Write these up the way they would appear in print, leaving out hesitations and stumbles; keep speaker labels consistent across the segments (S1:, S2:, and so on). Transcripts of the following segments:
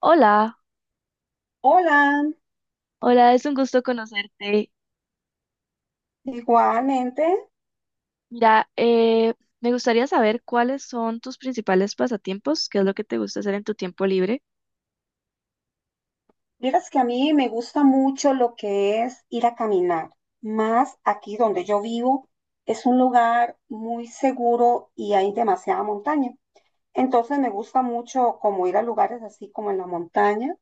S1: Hola,
S2: Hola,
S1: hola, es un gusto conocerte.
S2: igualmente.
S1: Mira, me gustaría saber cuáles son tus principales pasatiempos, qué es lo que te gusta hacer en tu tiempo libre.
S2: Vieras que a mí me gusta mucho lo que es ir a caminar, más aquí donde yo vivo. Es un lugar muy seguro y hay demasiada montaña. Entonces me gusta mucho como ir a lugares así como en la montaña,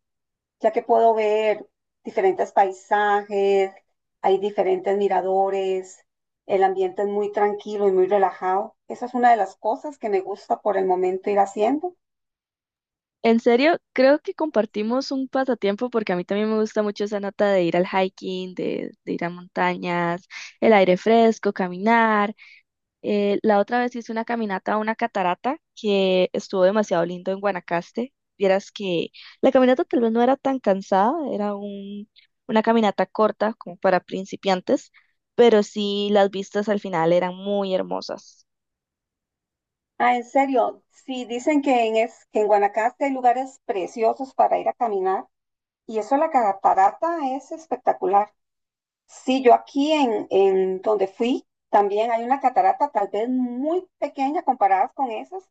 S2: ya que puedo ver diferentes paisajes, hay diferentes miradores, el ambiente es muy tranquilo y muy relajado. Esa es una de las cosas que me gusta por el momento ir haciendo.
S1: En serio, creo que compartimos un pasatiempo porque a mí también me gusta mucho esa nota de ir al hiking, de ir a montañas, el aire fresco, caminar. La otra vez hice una caminata a una catarata que estuvo demasiado lindo en Guanacaste. Vieras que la caminata tal vez no era tan cansada, una caminata corta como para principiantes, pero sí las vistas al final eran muy hermosas.
S2: Ah, en serio, sí, dicen que que en Guanacaste hay lugares preciosos para ir a caminar y eso de la catarata es espectacular. Sí, yo aquí en donde fui también hay una catarata tal vez muy pequeña comparadas con esas,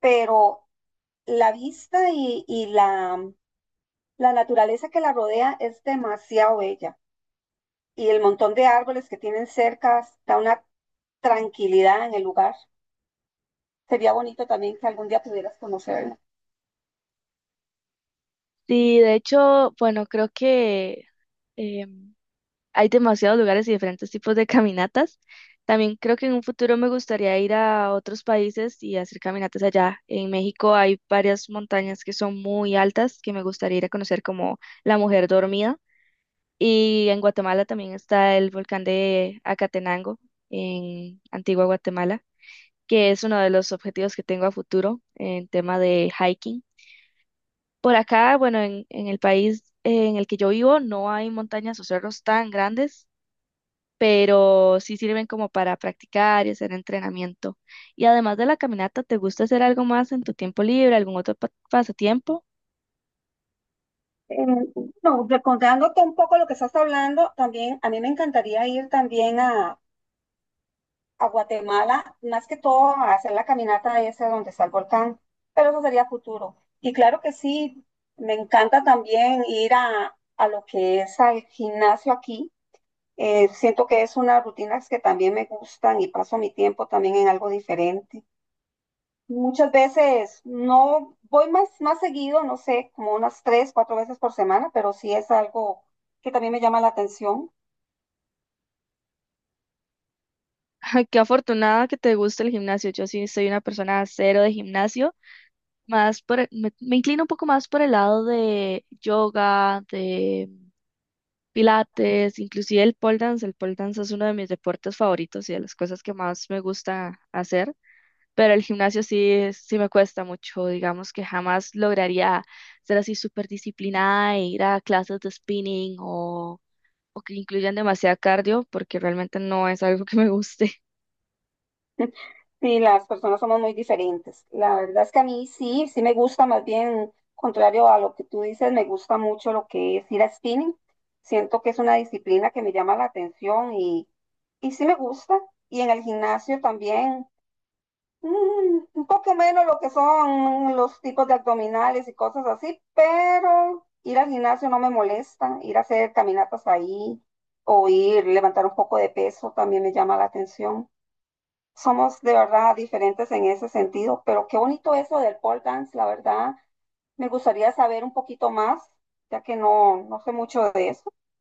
S2: pero la vista y la naturaleza que la rodea es demasiado bella y el montón de árboles que tienen cerca da una tranquilidad en el lugar. Sería bonito también que algún día pudieras conocerla.
S1: Sí, de hecho, bueno, creo que em, hay demasiados lugares y diferentes tipos de caminatas. También creo que en un futuro me gustaría ir a otros países y hacer caminatas allá. En México hay varias montañas que son muy altas que me gustaría ir a conocer como la Mujer Dormida. Y en Guatemala también está el volcán de Acatenango, en Antigua Guatemala, que es uno de los objetivos que tengo a futuro en tema de hiking. Por acá, bueno, en el país en el que yo vivo no hay montañas o cerros tan grandes pero sí sirven como para practicar y hacer entrenamiento. Y además de la caminata, ¿te gusta hacer algo más en tu tiempo libre, algún otro pasatiempo?
S2: Eh, no, recordándote un poco lo que estás hablando, también a mí me encantaría ir también a Guatemala, más que todo a hacer la caminata esa donde está el volcán, pero eso sería futuro. Y claro que sí, me encanta también ir a lo que es al gimnasio aquí. Siento que es una rutinas que también me gustan y paso mi tiempo también en algo diferente. Muchas veces no voy más seguido, no sé, como unas tres, cuatro veces por semana, pero sí es algo que también me llama la atención.
S1: Ay, qué afortunada que te guste el gimnasio. Yo sí soy una persona cero de gimnasio, más me inclino un poco más por el lado de yoga, de pilates, inclusive el pole dance. El pole dance es uno de mis deportes favoritos y de las cosas que más me gusta hacer. Pero el gimnasio sí me cuesta mucho, digamos que jamás lograría ser así súper disciplinada e ir a clases de spinning, o que incluyan demasiado cardio, porque realmente no es algo que me guste.
S2: Sí, las personas somos muy diferentes. La verdad es que a mí sí, sí me gusta, más bien, contrario a lo que tú dices, me gusta mucho lo que es ir a spinning. Siento que es una disciplina que me llama la atención y sí me gusta. Y en el gimnasio también. Mm, un poco menos lo que son los tipos de abdominales y cosas así, pero ir al gimnasio no me molesta, ir a hacer caminatas ahí o ir levantar un poco de peso también me llama la atención. Somos de verdad diferentes en ese sentido, pero qué bonito eso del pole dance, la verdad. Me gustaría saber un poquito más, ya que no sé mucho de eso.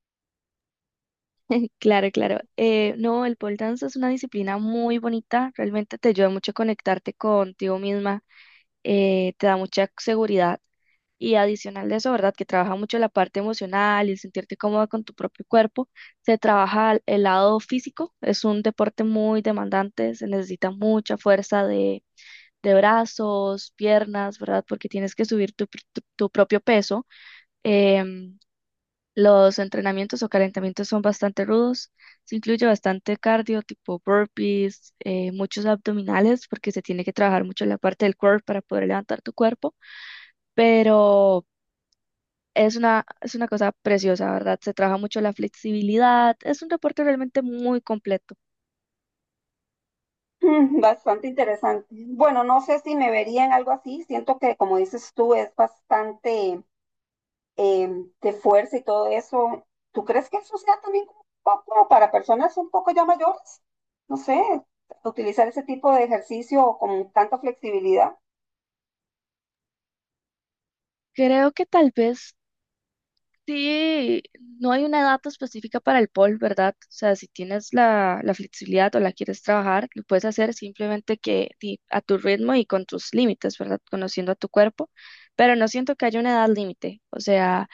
S1: Claro, claro. No, el pole dance es una disciplina muy bonita, realmente te ayuda mucho a conectarte contigo misma, te da mucha seguridad y adicional de eso, ¿verdad? Que trabaja mucho la parte emocional y el sentirte cómoda con tu propio cuerpo. Se trabaja el lado físico, es un deporte muy demandante, se necesita mucha fuerza de brazos, piernas, ¿verdad? Porque tienes que subir tu propio peso. Em, los entrenamientos o calentamientos son bastante rudos. Se incluye bastante cardio, tipo burpees, muchos abdominales, porque se tiene que trabajar mucho la parte del core para poder levantar tu cuerpo. Pero es una cosa preciosa, ¿verdad? Se trabaja mucho la flexibilidad. Es un deporte realmente muy completo.
S2: Mm, bastante interesante. Bueno, no sé si me vería en algo así. Siento que, como dices tú, es bastante de fuerza y todo eso. ¿Tú crees que eso sea también como un poco para personas un poco ya mayores? No sé, utilizar ese tipo de ejercicio con tanta flexibilidad.
S1: Creo que tal vez sí, no hay una edad específica para el pole, ¿verdad? O sea, si tienes la flexibilidad o la quieres trabajar, lo puedes hacer simplemente que a tu ritmo y con tus límites, ¿verdad? Conociendo a tu cuerpo, pero no siento que haya una edad límite. O sea,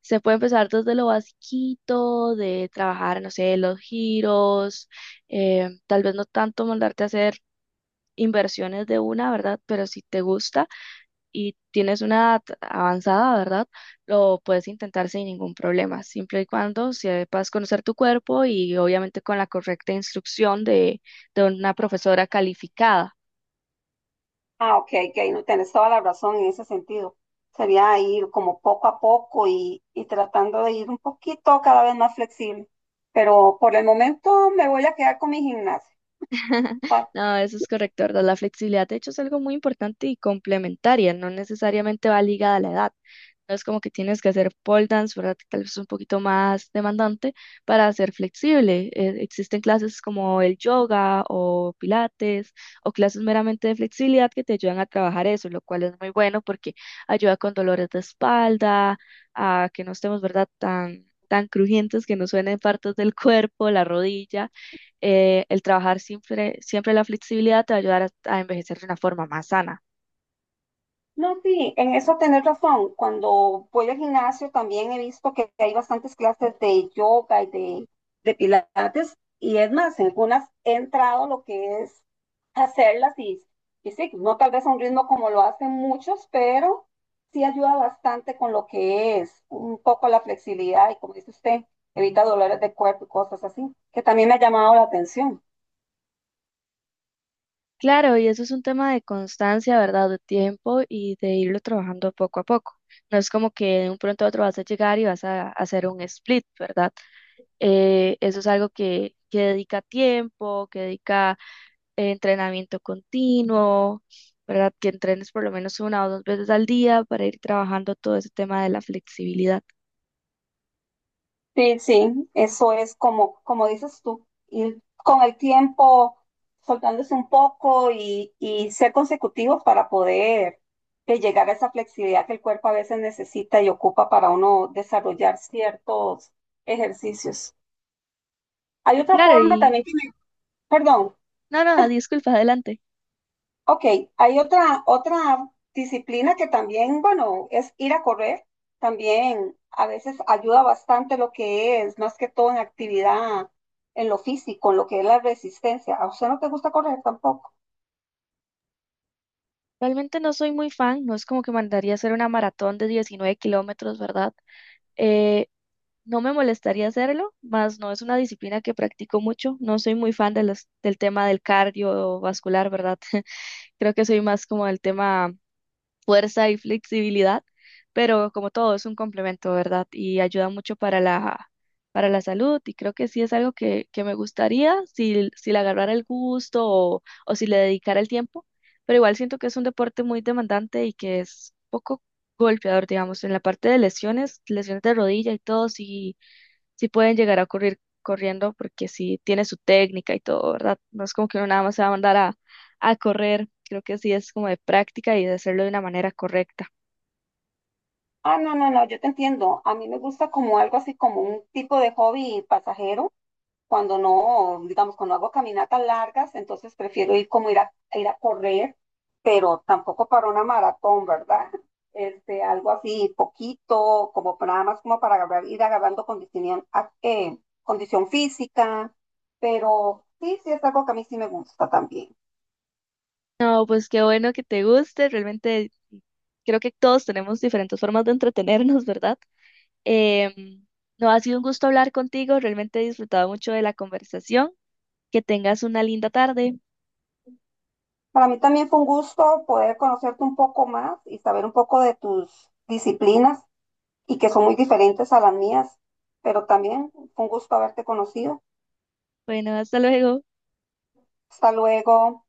S1: se puede empezar desde lo basiquito, de trabajar, no sé, los giros, tal vez no tanto mandarte a hacer inversiones de una, ¿verdad? Pero si te gusta y tienes una edad avanzada, ¿verdad? Lo puedes intentar sin ningún problema, siempre y cuando sepas conocer tu cuerpo y obviamente con la correcta instrucción de una profesora calificada.
S2: Ah, ok, ok, no tienes toda la razón en ese sentido. Sería ir como poco a poco y tratando de ir un poquito cada vez más flexible. Pero por el momento me voy a quedar con mi gimnasia.
S1: No, eso es correcto, ¿verdad? La flexibilidad, de hecho, es algo muy importante y complementaria, no necesariamente va ligada a la edad. No es como que tienes que hacer pole dance, ¿verdad? Que tal vez es un poquito más demandante para ser flexible. Existen clases como el yoga o pilates o clases meramente de flexibilidad que te ayudan a trabajar eso, lo cual es muy bueno porque ayuda con dolores de espalda, a que no estemos, ¿verdad? Tan crujientes que nos suenen partes del cuerpo, la rodilla el trabajar siempre la flexibilidad te va a ayudar a envejecer de una forma más sana.
S2: No, sí, en eso tenés razón. Cuando voy al gimnasio también he visto que hay bastantes clases de yoga de pilates. Y es más, en algunas he entrado lo que es hacerlas y sí, no tal vez a un ritmo como lo hacen muchos, pero sí ayuda bastante con lo que es un poco la flexibilidad y como dice usted, evita dolores de cuerpo y cosas así, que también me ha llamado la atención.
S1: Claro, y eso es un tema de constancia, ¿verdad? De tiempo y de irlo trabajando poco a poco. No es como que de un pronto a otro vas a llegar y hacer un split, ¿verdad? Eso es algo que dedica tiempo, que dedica entrenamiento continuo, ¿verdad? Que entrenes por lo menos una o dos veces al día para ir trabajando todo ese tema de la flexibilidad.
S2: Sí, sí, eso es como, como dices tú, ir con el tiempo soltándose un poco y ser consecutivos para poder llegar a esa flexibilidad que el cuerpo a veces necesita y ocupa para uno desarrollar ciertos ejercicios. Hay otra
S1: Claro,
S2: forma
S1: y
S2: también que me- perdón.
S1: no, no, disculpa, adelante.
S2: Ok, hay otra disciplina que también, bueno, es ir a correr. También a veces ayuda bastante lo que es, más que todo en actividad, en lo físico, en lo que es la resistencia. ¿A usted no te gusta correr tampoco?
S1: Realmente no soy muy fan, no es como que mandaría hacer una maratón de 19 kilómetros, ¿verdad? Eh, no me molestaría hacerlo, más no es una disciplina que practico mucho, no soy muy fan de del tema del cardiovascular, ¿verdad? Creo que soy más como del tema fuerza y flexibilidad, pero como todo es un complemento, ¿verdad? Y ayuda mucho para para la salud y creo que sí es algo que me gustaría si le agarrara el gusto o si le dedicara el tiempo, pero igual siento que es un deporte muy demandante y que es poco golpeador, digamos, en la parte de lesiones, lesiones de rodilla y todo, sí pueden llegar a ocurrir corriendo porque sí tiene su técnica y todo, ¿verdad? No es como que uno nada más se va a mandar a correr, creo que sí es como de práctica y de hacerlo de una manera correcta.
S2: Ah, no, no, no, yo te entiendo. A mí me gusta como algo así como un tipo de hobby pasajero. Cuando no, digamos, cuando hago caminatas largas, entonces prefiero ir como ir ir a correr, pero tampoco para una maratón, ¿verdad? Este, algo así, poquito, nada más ir agarrando condición, condición física, pero sí, sí es algo que a mí sí me gusta también.
S1: No, pues qué bueno que te guste, realmente creo que todos tenemos diferentes formas de entretenernos, ¿verdad? Em, no, ha sido un gusto hablar contigo, realmente he disfrutado mucho de la conversación, que tengas una linda tarde.
S2: Para mí también fue un gusto poder conocerte un poco más y saber un poco de tus disciplinas y que son muy diferentes a las mías, pero también fue un gusto haberte conocido.
S1: Bueno, hasta luego.
S2: Hasta luego.